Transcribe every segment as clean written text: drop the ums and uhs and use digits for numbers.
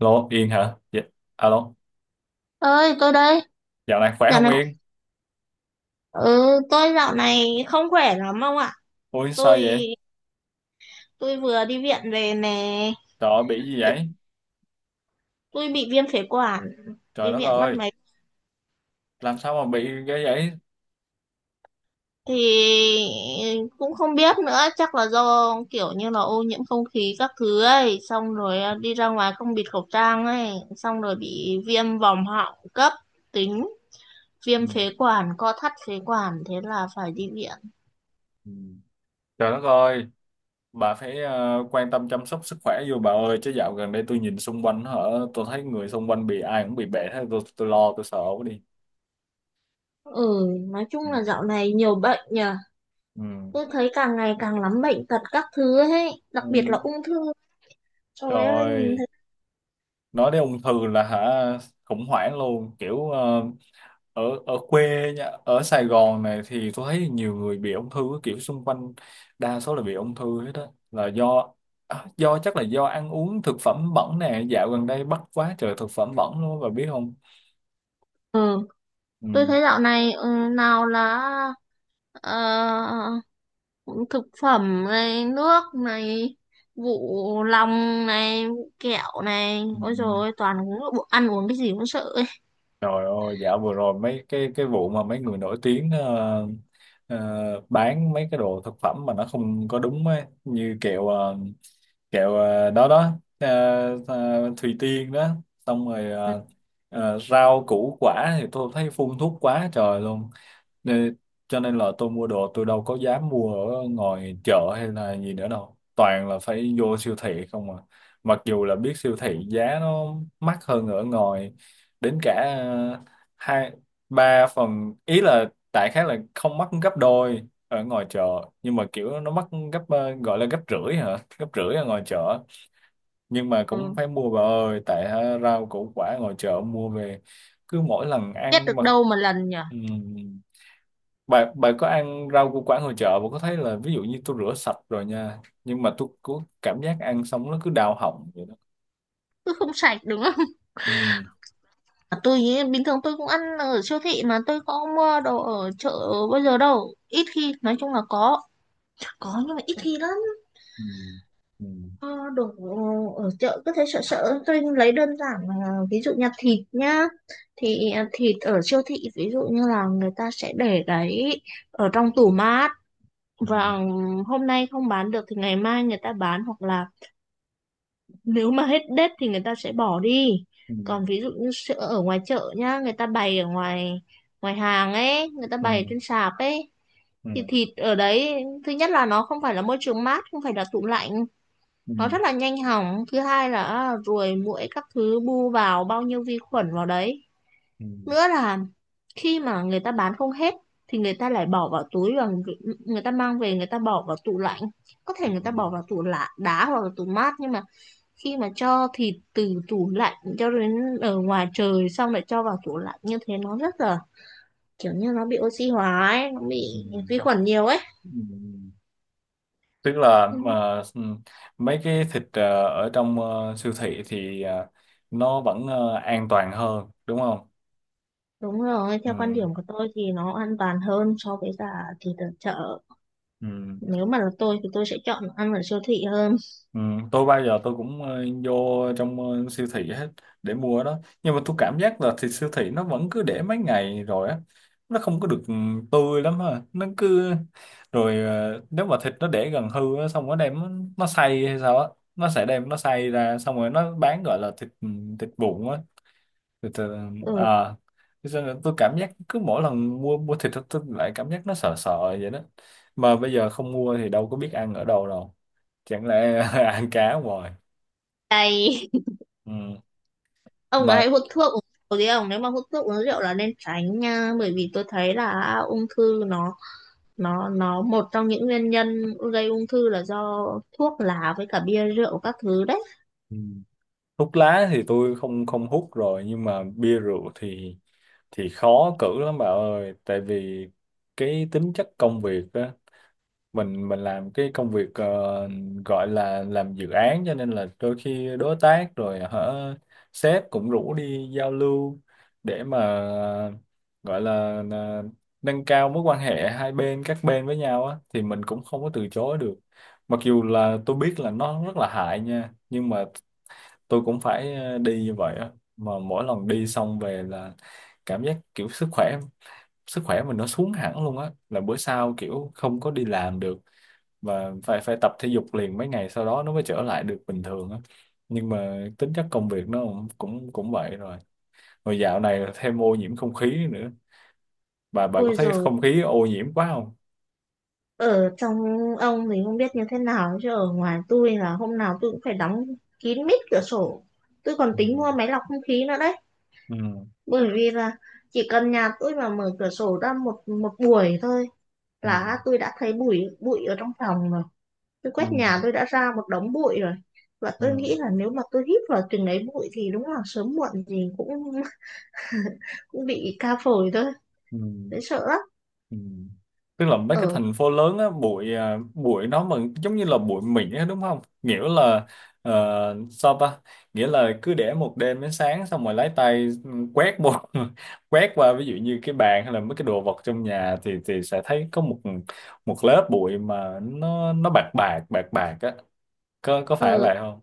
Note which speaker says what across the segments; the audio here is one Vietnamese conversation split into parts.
Speaker 1: Lô, Yên hả? Dạ. Alo,
Speaker 2: Ơi, tôi đây.
Speaker 1: dạo này khỏe
Speaker 2: Dạo
Speaker 1: không
Speaker 2: này
Speaker 1: Yên?
Speaker 2: ừ, tôi dạo này không khỏe lắm ông ạ.
Speaker 1: Ui,
Speaker 2: tôi
Speaker 1: sao vậy?
Speaker 2: tôi vừa đi viện về nè.
Speaker 1: Trời ơi, bị gì vậy?
Speaker 2: Tôi bị viêm phế quản,
Speaker 1: Trời
Speaker 2: đi
Speaker 1: đất
Speaker 2: viện mất
Speaker 1: ơi,
Speaker 2: mấy.
Speaker 1: làm sao mà bị cái vậy?
Speaker 2: Thì cũng không biết nữa, chắc là do kiểu như là ô nhiễm không khí các thứ ấy, xong rồi đi ra ngoài không bịt khẩu trang ấy, xong rồi bị viêm vòm họng cấp tính,
Speaker 1: Ừ.
Speaker 2: viêm phế quản, co thắt phế quản, thế là phải đi viện.
Speaker 1: Ừ. Trời đất ơi, bà phải quan tâm chăm sóc sức khỏe vô bà ơi, chứ dạo gần đây tôi nhìn xung quanh hả, tôi thấy người xung quanh bị ai cũng bị bệnh hết, tôi lo, tôi sợ quá đi.
Speaker 2: Ừ, nói
Speaker 1: Ừ.
Speaker 2: chung là dạo này nhiều bệnh nhỉ.
Speaker 1: Ừ.
Speaker 2: Tôi thấy càng ngày càng lắm bệnh tật các thứ ấy, đặc biệt là
Speaker 1: Ừ.
Speaker 2: ung thư.
Speaker 1: Trời
Speaker 2: Trời ơi, nhìn
Speaker 1: ơi.
Speaker 2: thấy.
Speaker 1: Nói đến ung thư là hả, khủng hoảng luôn kiểu ở ở quê nha, ở Sài Gòn này thì tôi thấy nhiều người bị ung thư kiểu xung quanh, đa số là bị ung thư hết, đó là do chắc là do ăn uống thực phẩm bẩn nè, dạo gần đây bắt quá trời thực phẩm bẩn luôn, và biết không.
Speaker 2: Ừ,
Speaker 1: Ừ.
Speaker 2: tôi thấy dạo này nào là ờ, thực phẩm này, nước này, vụ lòng này, vụ kẹo này.
Speaker 1: Ừ.
Speaker 2: Ôi dồi
Speaker 1: Ừ.
Speaker 2: ôi, toàn uống bộ ăn uống cái gì cũng sợ ấy.
Speaker 1: Trời ơi, dạo vừa rồi mấy cái vụ mà mấy người nổi tiếng bán mấy cái đồ thực phẩm mà nó không có đúng ấy, như kẹo kẹo đó đó ờ, Thùy Tiên đó, xong rồi rau củ quả thì tôi thấy phun thuốc quá trời luôn. Nên, cho nên là tôi mua đồ tôi đâu có dám mua ở ngoài chợ hay là gì nữa đâu. Toàn là phải vô siêu thị không à. Mặc dù là biết siêu thị giá nó mắc hơn ở ngoài đến cả hai ba phần, ý là tại khái là không mắc gấp đôi ở ngoài chợ, nhưng mà kiểu nó mắc gấp gọi là gấp rưỡi hả, gấp rưỡi ở ngoài chợ, nhưng mà cũng
Speaker 2: Ừ,
Speaker 1: phải mua bà ơi, tại rau củ quả ngoài chợ mua về cứ mỗi lần
Speaker 2: biết
Speaker 1: ăn
Speaker 2: được
Speaker 1: mà.
Speaker 2: đâu mà lần nhở.
Speaker 1: Ừ, bà có ăn rau củ quả ngoài chợ bà có thấy là ví dụ như tôi rửa sạch rồi nha, nhưng mà tôi có cảm giác ăn xong nó cứ đau họng vậy đó.
Speaker 2: Cứ không sạch đúng không?
Speaker 1: Ừ.
Speaker 2: Tôi ý, bình thường tôi cũng ăn ở siêu thị, mà tôi có mua đồ ở chợ bây giờ đâu. Ít khi, nói chung là có. Có nhưng mà ít khi lắm.
Speaker 1: Ừ. Ừ.
Speaker 2: Ờ, đồ ở chợ cứ thế sợ sợ, tôi lấy đơn giản là ví dụ như thịt nhá, thì thịt ở siêu thị ví dụ như là người ta sẽ để đấy ở trong tủ mát,
Speaker 1: Ừ.
Speaker 2: và hôm nay không bán được thì ngày mai người ta bán, hoặc là nếu mà hết date thì người ta sẽ bỏ đi. Còn ví dụ như sữa ở ngoài chợ nhá, người ta bày ở ngoài, ngoài hàng ấy, người ta
Speaker 1: Ừ.
Speaker 2: bày
Speaker 1: Ừ.
Speaker 2: trên sạp ấy, thì
Speaker 1: Ừ.
Speaker 2: thịt ở đấy thứ nhất là nó không phải là môi trường mát, không phải là tủ lạnh,
Speaker 1: Ừ.
Speaker 2: nó rất là nhanh hỏng. Thứ hai là ruồi muỗi các thứ bu vào, bao nhiêu vi khuẩn vào đấy.
Speaker 1: Ừ.
Speaker 2: Nữa là khi mà người ta bán không hết thì người ta lại bỏ vào túi, và người ta mang về, người ta bỏ vào tủ lạnh, có thể người ta bỏ vào tủ lạ đá hoặc là tủ mát. Nhưng mà khi mà cho thịt từ tủ lạnh cho đến ở ngoài trời xong lại cho vào tủ lạnh như thế, nó rất là kiểu như nó bị oxy hóa ấy, nó bị
Speaker 1: Ừ.
Speaker 2: vi khuẩn nhiều ấy.
Speaker 1: Ừ. Ừ. Tức là
Speaker 2: Ừ,
Speaker 1: mà mấy cái thịt ở trong siêu thị thì nó vẫn an toàn hơn đúng không.
Speaker 2: đúng rồi,
Speaker 1: Ừ.
Speaker 2: theo quan điểm của tôi thì nó an toàn hơn so với cả thịt ở chợ.
Speaker 1: Ừ.
Speaker 2: Nếu mà là tôi thì tôi sẽ chọn ăn ở siêu thị hơn.
Speaker 1: Ừ, tôi bao giờ tôi cũng vô trong siêu thị hết để mua đó, nhưng mà tôi cảm giác là thịt siêu thị nó vẫn cứ để mấy ngày rồi á, nó không có được tươi lắm ha, nó cứ rồi nếu mà thịt nó để gần hư á xong nó đem nó xay hay sao á, nó sẽ đem nó xay ra xong rồi nó bán gọi là thịt, thịt vụn á, thịt ờ,
Speaker 2: Ừ,
Speaker 1: à thế cho nên tôi cảm giác cứ mỗi lần mua mua thịt tôi lại cảm giác nó sợ sợ vậy đó, mà bây giờ không mua thì đâu có biết ăn ở đâu đâu, chẳng lẽ ăn cá hoài.
Speaker 2: cay.
Speaker 1: Ừ.
Speaker 2: Ông
Speaker 1: Mà
Speaker 2: ấy hút thuốc uống rượu gì không? Nếu mà hút thuốc uống rượu là nên tránh nha, bởi vì tôi thấy là ung thư nó, nó một trong những nguyên nhân gây ung thư là do thuốc lá với cả bia rượu các thứ đấy.
Speaker 1: ừ. Hút lá thì tôi không không hút rồi, nhưng mà bia rượu thì khó cử lắm bà ơi, tại vì cái tính chất công việc á, mình làm cái công việc gọi là làm dự án, cho nên là đôi khi đối tác rồi hả, sếp cũng rủ đi giao lưu để mà gọi là nâng cao mối quan hệ hai bên, các bên với nhau á, thì mình cũng không có từ chối được. Mặc dù là tôi biết là nó rất là hại nha, nhưng mà tôi cũng phải đi như vậy á, mà mỗi lần đi xong về là cảm giác kiểu sức khỏe, mình nó xuống hẳn luôn á, là bữa sau kiểu không có đi làm được, và phải phải tập thể dục liền mấy ngày sau đó nó mới trở lại được bình thường á, nhưng mà tính chất công việc nó cũng cũng cũng vậy rồi. Rồi dạo này thêm ô nhiễm không khí nữa, bà có
Speaker 2: Ôi
Speaker 1: thấy
Speaker 2: rồi,
Speaker 1: không khí ô nhiễm quá không.
Speaker 2: ở trong ông thì không biết như thế nào, chứ ở ngoài tôi là hôm nào tôi cũng phải đóng kín mít cửa sổ. Tôi còn
Speaker 1: Ừ.
Speaker 2: tính mua máy lọc không khí nữa đấy,
Speaker 1: Ừ.
Speaker 2: bởi vì là chỉ cần nhà tôi mà mở cửa sổ ra một một buổi thôi
Speaker 1: Ừ.
Speaker 2: là tôi đã thấy bụi bụi ở trong phòng rồi. Tôi
Speaker 1: Ừ.
Speaker 2: quét nhà tôi đã ra một đống bụi rồi, và tôi nghĩ
Speaker 1: Ừ.
Speaker 2: là nếu mà tôi hít vào từng ấy bụi thì đúng là sớm muộn gì cũng cũng bị ca phổi thôi.
Speaker 1: Ừ.
Speaker 2: Thấy sợ lắm.
Speaker 1: Ừ. Tức là mấy cái
Speaker 2: Ờ,
Speaker 1: thành phố lớn á, bụi, à, bụi nó mà giống như là bụi mịn á đúng không? Nghĩa là sao ta? Nghĩa là cứ để một đêm đến sáng xong rồi lấy tay quét một quét qua ví dụ như cái bàn hay là mấy cái đồ vật trong nhà thì sẽ thấy có một một lớp bụi mà nó bạc bạc bạc bạc á. Có
Speaker 2: ờ,
Speaker 1: phải vậy không?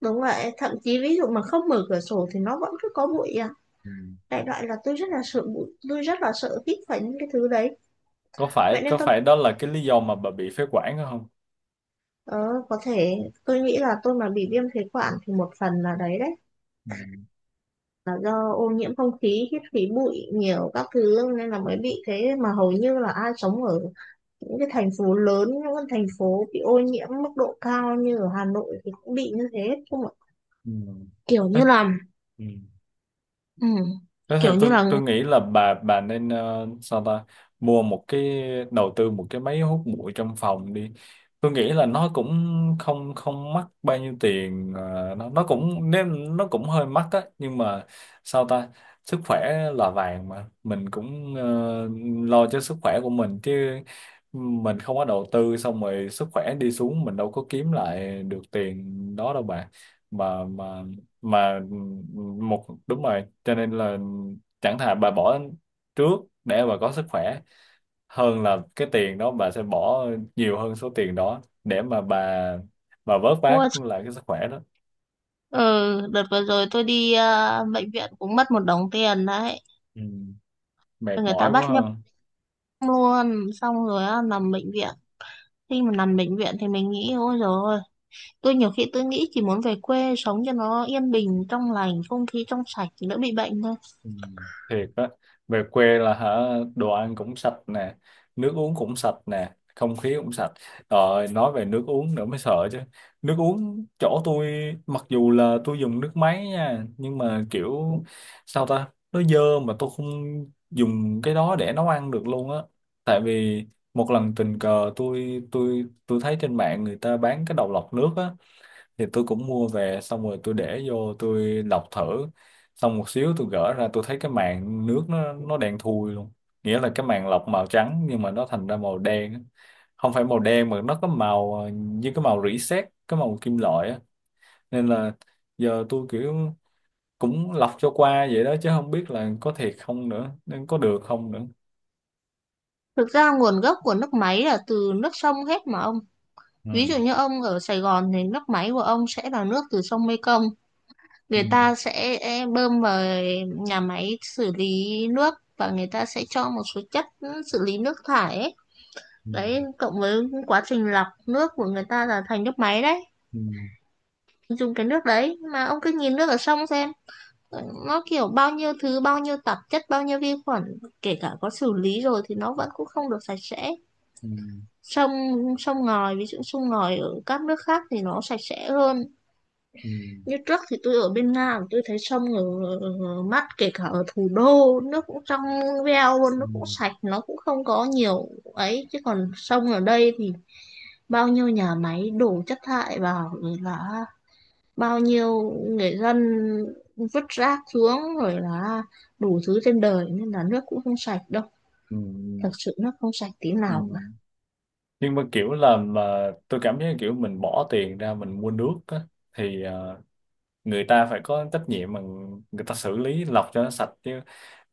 Speaker 2: đúng vậy, thậm chí ví dụ mà không mở cửa sổ thì nó vẫn cứ có bụi à.
Speaker 1: Ừ.
Speaker 2: Đại loại là tôi rất là sợ bụi, tôi rất là sợ hít phải những cái thứ đấy.
Speaker 1: Có phải
Speaker 2: Vậy
Speaker 1: có
Speaker 2: nên tôi
Speaker 1: phải đó là cái lý do mà bà bị phế quản không?
Speaker 2: ờ, có thể tôi nghĩ là tôi mà bị viêm phế quản thì một phần là đấy đấy,
Speaker 1: Ừ.
Speaker 2: là do ô nhiễm không khí, hít khí bụi nhiều các thứ nên là mới bị thế. Mà hầu như là ai sống ở những cái thành phố lớn, những cái thành phố bị ô nhiễm mức độ cao như ở Hà Nội thì cũng bị như thế không ạ?
Speaker 1: Ừ.
Speaker 2: Kiểu như là,
Speaker 1: Ừ.
Speaker 2: ừ,
Speaker 1: Thế thì
Speaker 2: kiểu như
Speaker 1: tôi
Speaker 2: là
Speaker 1: tôi nghĩ là bà nên sao ta, mua một cái đầu tư một cái máy hút bụi trong phòng đi. Tôi nghĩ là nó cũng không không mắc bao nhiêu tiền, nó cũng nếu nó cũng hơi mắc á nhưng mà sao ta, sức khỏe là vàng mà, mình cũng lo cho sức khỏe của mình chứ. Mình không có đầu tư xong rồi sức khỏe đi xuống, mình đâu có kiếm lại được tiền đó đâu bà, mà mà mà một đúng rồi, cho nên là chẳng thà bà bỏ trước để bà có sức khỏe, hơn là cái tiền đó bà sẽ bỏ nhiều hơn số tiền đó để mà bà vớt vát
Speaker 2: mua.
Speaker 1: lại cái sức khỏe đó.
Speaker 2: Ừ, đợt vừa rồi tôi đi bệnh viện cũng mất một đống tiền đấy.
Speaker 1: Ừ, mệt
Speaker 2: Người ta
Speaker 1: mỏi quá
Speaker 2: bắt nhập
Speaker 1: ha.
Speaker 2: luôn, xong rồi á, nằm bệnh viện. Khi mà nằm bệnh viện thì mình nghĩ ôi rồi. Tôi nhiều khi tôi nghĩ chỉ muốn về quê sống cho nó yên bình, trong lành, không khí trong sạch thì đỡ bị bệnh thôi.
Speaker 1: Ừ, thiệt á, về quê là hả, đồ ăn cũng sạch nè, nước uống cũng sạch nè, không khí cũng sạch. Rồi nói về nước uống nữa mới sợ chứ, nước uống chỗ tôi mặc dù là tôi dùng nước máy nha, nhưng mà kiểu sao ta, nó dơ mà tôi không dùng cái đó để nấu ăn được luôn á. Tại vì một lần tình cờ tôi tôi thấy trên mạng người ta bán cái đầu lọc nước á, thì tôi cũng mua về xong rồi tôi để vô tôi lọc thử, xong một xíu tôi gỡ ra tôi thấy cái màng nước nó đen thui luôn, nghĩa là cái màng lọc màu trắng nhưng mà nó thành ra màu đen á. Không phải màu đen mà nó có màu như cái màu rỉ sét, cái màu kim loại á, nên là giờ tôi kiểu cũng lọc cho qua vậy đó, chứ không biết là có thiệt không nữa, nên có được không nữa.
Speaker 2: Thực ra nguồn gốc của nước máy là từ nước sông hết mà ông.
Speaker 1: Ừ.
Speaker 2: Ví dụ như ông ở Sài Gòn thì nước máy của ông sẽ là nước từ sông Mekong.
Speaker 1: Ừ.
Speaker 2: Người ta sẽ bơm vào nhà máy xử lý nước, và người ta sẽ cho một số chất xử lý nước thải ấy.
Speaker 1: Ừ.
Speaker 2: Đấy, cộng với quá trình lọc nước của người ta là thành nước máy đấy.
Speaker 1: Ừ.
Speaker 2: Dùng cái nước đấy mà ông cứ nhìn nước ở sông xem, nó kiểu bao nhiêu thứ, bao nhiêu tạp chất, bao nhiêu vi khuẩn, kể cả có xử lý rồi thì nó vẫn cũng không được sạch sẽ.
Speaker 1: Ừ.
Speaker 2: Sông Sông ngòi, ví dụ sông ngòi ở các nước khác thì nó sạch sẽ hơn.
Speaker 1: Ừ.
Speaker 2: Như trước thì tôi ở bên Nga, tôi thấy sông ở mắt, kể cả ở thủ đô nước cũng trong veo luôn,
Speaker 1: Ừ.
Speaker 2: nó cũng sạch, nó cũng không có nhiều ấy. Chứ còn sông ở đây thì bao nhiêu nhà máy đổ chất thải vào, là bao nhiêu người dân vứt rác xuống, rồi là đủ thứ trên đời, nên là nước cũng không sạch đâu,
Speaker 1: Ừ.
Speaker 2: thật sự nước không sạch tí
Speaker 1: ừ
Speaker 2: nào cả.
Speaker 1: nhưng mà kiểu là mà tôi cảm thấy kiểu mình bỏ tiền ra mình mua nước á, thì người ta phải có trách nhiệm mà, người ta xử lý lọc cho nó sạch chứ,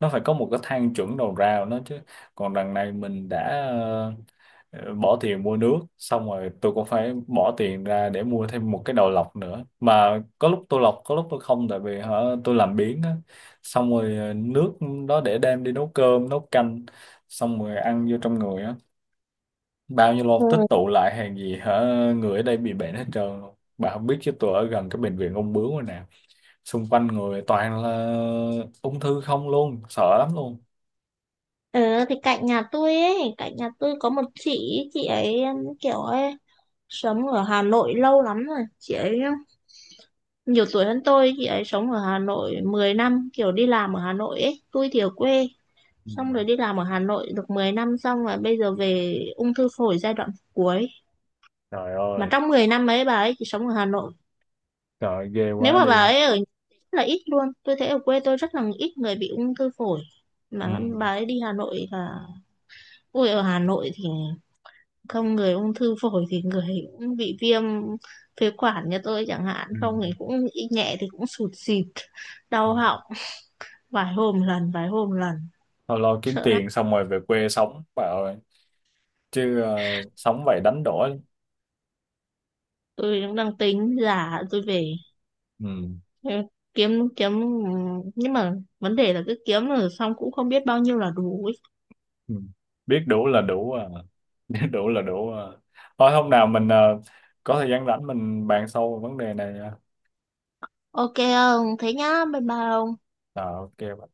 Speaker 1: nó phải có một cái thang chuẩn đầu ra của nó chứ. Còn đằng này mình đã ờ, bỏ tiền mua nước xong rồi tôi cũng phải bỏ tiền ra để mua thêm một cái đầu lọc nữa, mà có lúc tôi lọc có lúc tôi không, tại vì hả, tôi làm biếng á, xong rồi nước đó để đem đi nấu cơm nấu canh, xong rồi ăn vô trong người á, bao nhiêu lâu tích
Speaker 2: Ừ,
Speaker 1: tụ lại hàng gì hả, người ở đây bị bệnh hết trơn luôn. Bà không biết chứ tôi ở gần cái bệnh viện ung bướu rồi nè, xung quanh người toàn là ung thư không luôn, sợ lắm luôn.
Speaker 2: ừ thì cạnh nhà tôi ấy, cạnh nhà tôi có một chị, chị ấy sống ở Hà Nội lâu lắm rồi. Chị ấy nhiều tuổi hơn tôi, chị ấy sống ở Hà Nội 10 năm, kiểu đi làm ở Hà Nội ấy, tôi thì ở quê,
Speaker 1: Ừ.
Speaker 2: xong rồi đi làm ở Hà Nội được 10 năm, xong rồi bây giờ về ung thư phổi giai đoạn cuối.
Speaker 1: Trời
Speaker 2: Mà
Speaker 1: ơi.
Speaker 2: trong 10 năm ấy bà ấy chỉ sống ở Hà Nội,
Speaker 1: Trời ơi, ghê
Speaker 2: nếu
Speaker 1: quá
Speaker 2: mà bà
Speaker 1: đi.
Speaker 2: ấy ở nhà rất là ít luôn. Tôi thấy ở quê tôi rất là ít người bị ung thư phổi,
Speaker 1: Ừ.
Speaker 2: mà bà ấy đi Hà Nội là ui, ở Hà Nội thì không người ung thư phổi thì người cũng bị viêm phế quản như tôi chẳng hạn,
Speaker 1: Ừ.
Speaker 2: không thì cũng ít, nhẹ thì cũng sụt xịt
Speaker 1: Ừ.
Speaker 2: đau họng vài hôm lần, vài hôm lần.
Speaker 1: Thôi lo kiếm
Speaker 2: Sợ lắm.
Speaker 1: tiền xong rồi về quê sống bà ơi, chứ sống vậy đánh đổi lắm.
Speaker 2: Tôi cũng đang tính giả tôi về.
Speaker 1: Ừ.
Speaker 2: Ừ, kiếm kiếm nhưng mà vấn đề là cứ kiếm rồi xong cũng không biết bao nhiêu là đủ ấy.
Speaker 1: Ừ. Biết đủ là đủ à. Biết đủ là đủ à, thôi hôm nào mình có thời gian rảnh mình bàn sâu về vấn đề này nha.
Speaker 2: Ok ông thế nhá, bye bye ông.
Speaker 1: Ờ, ok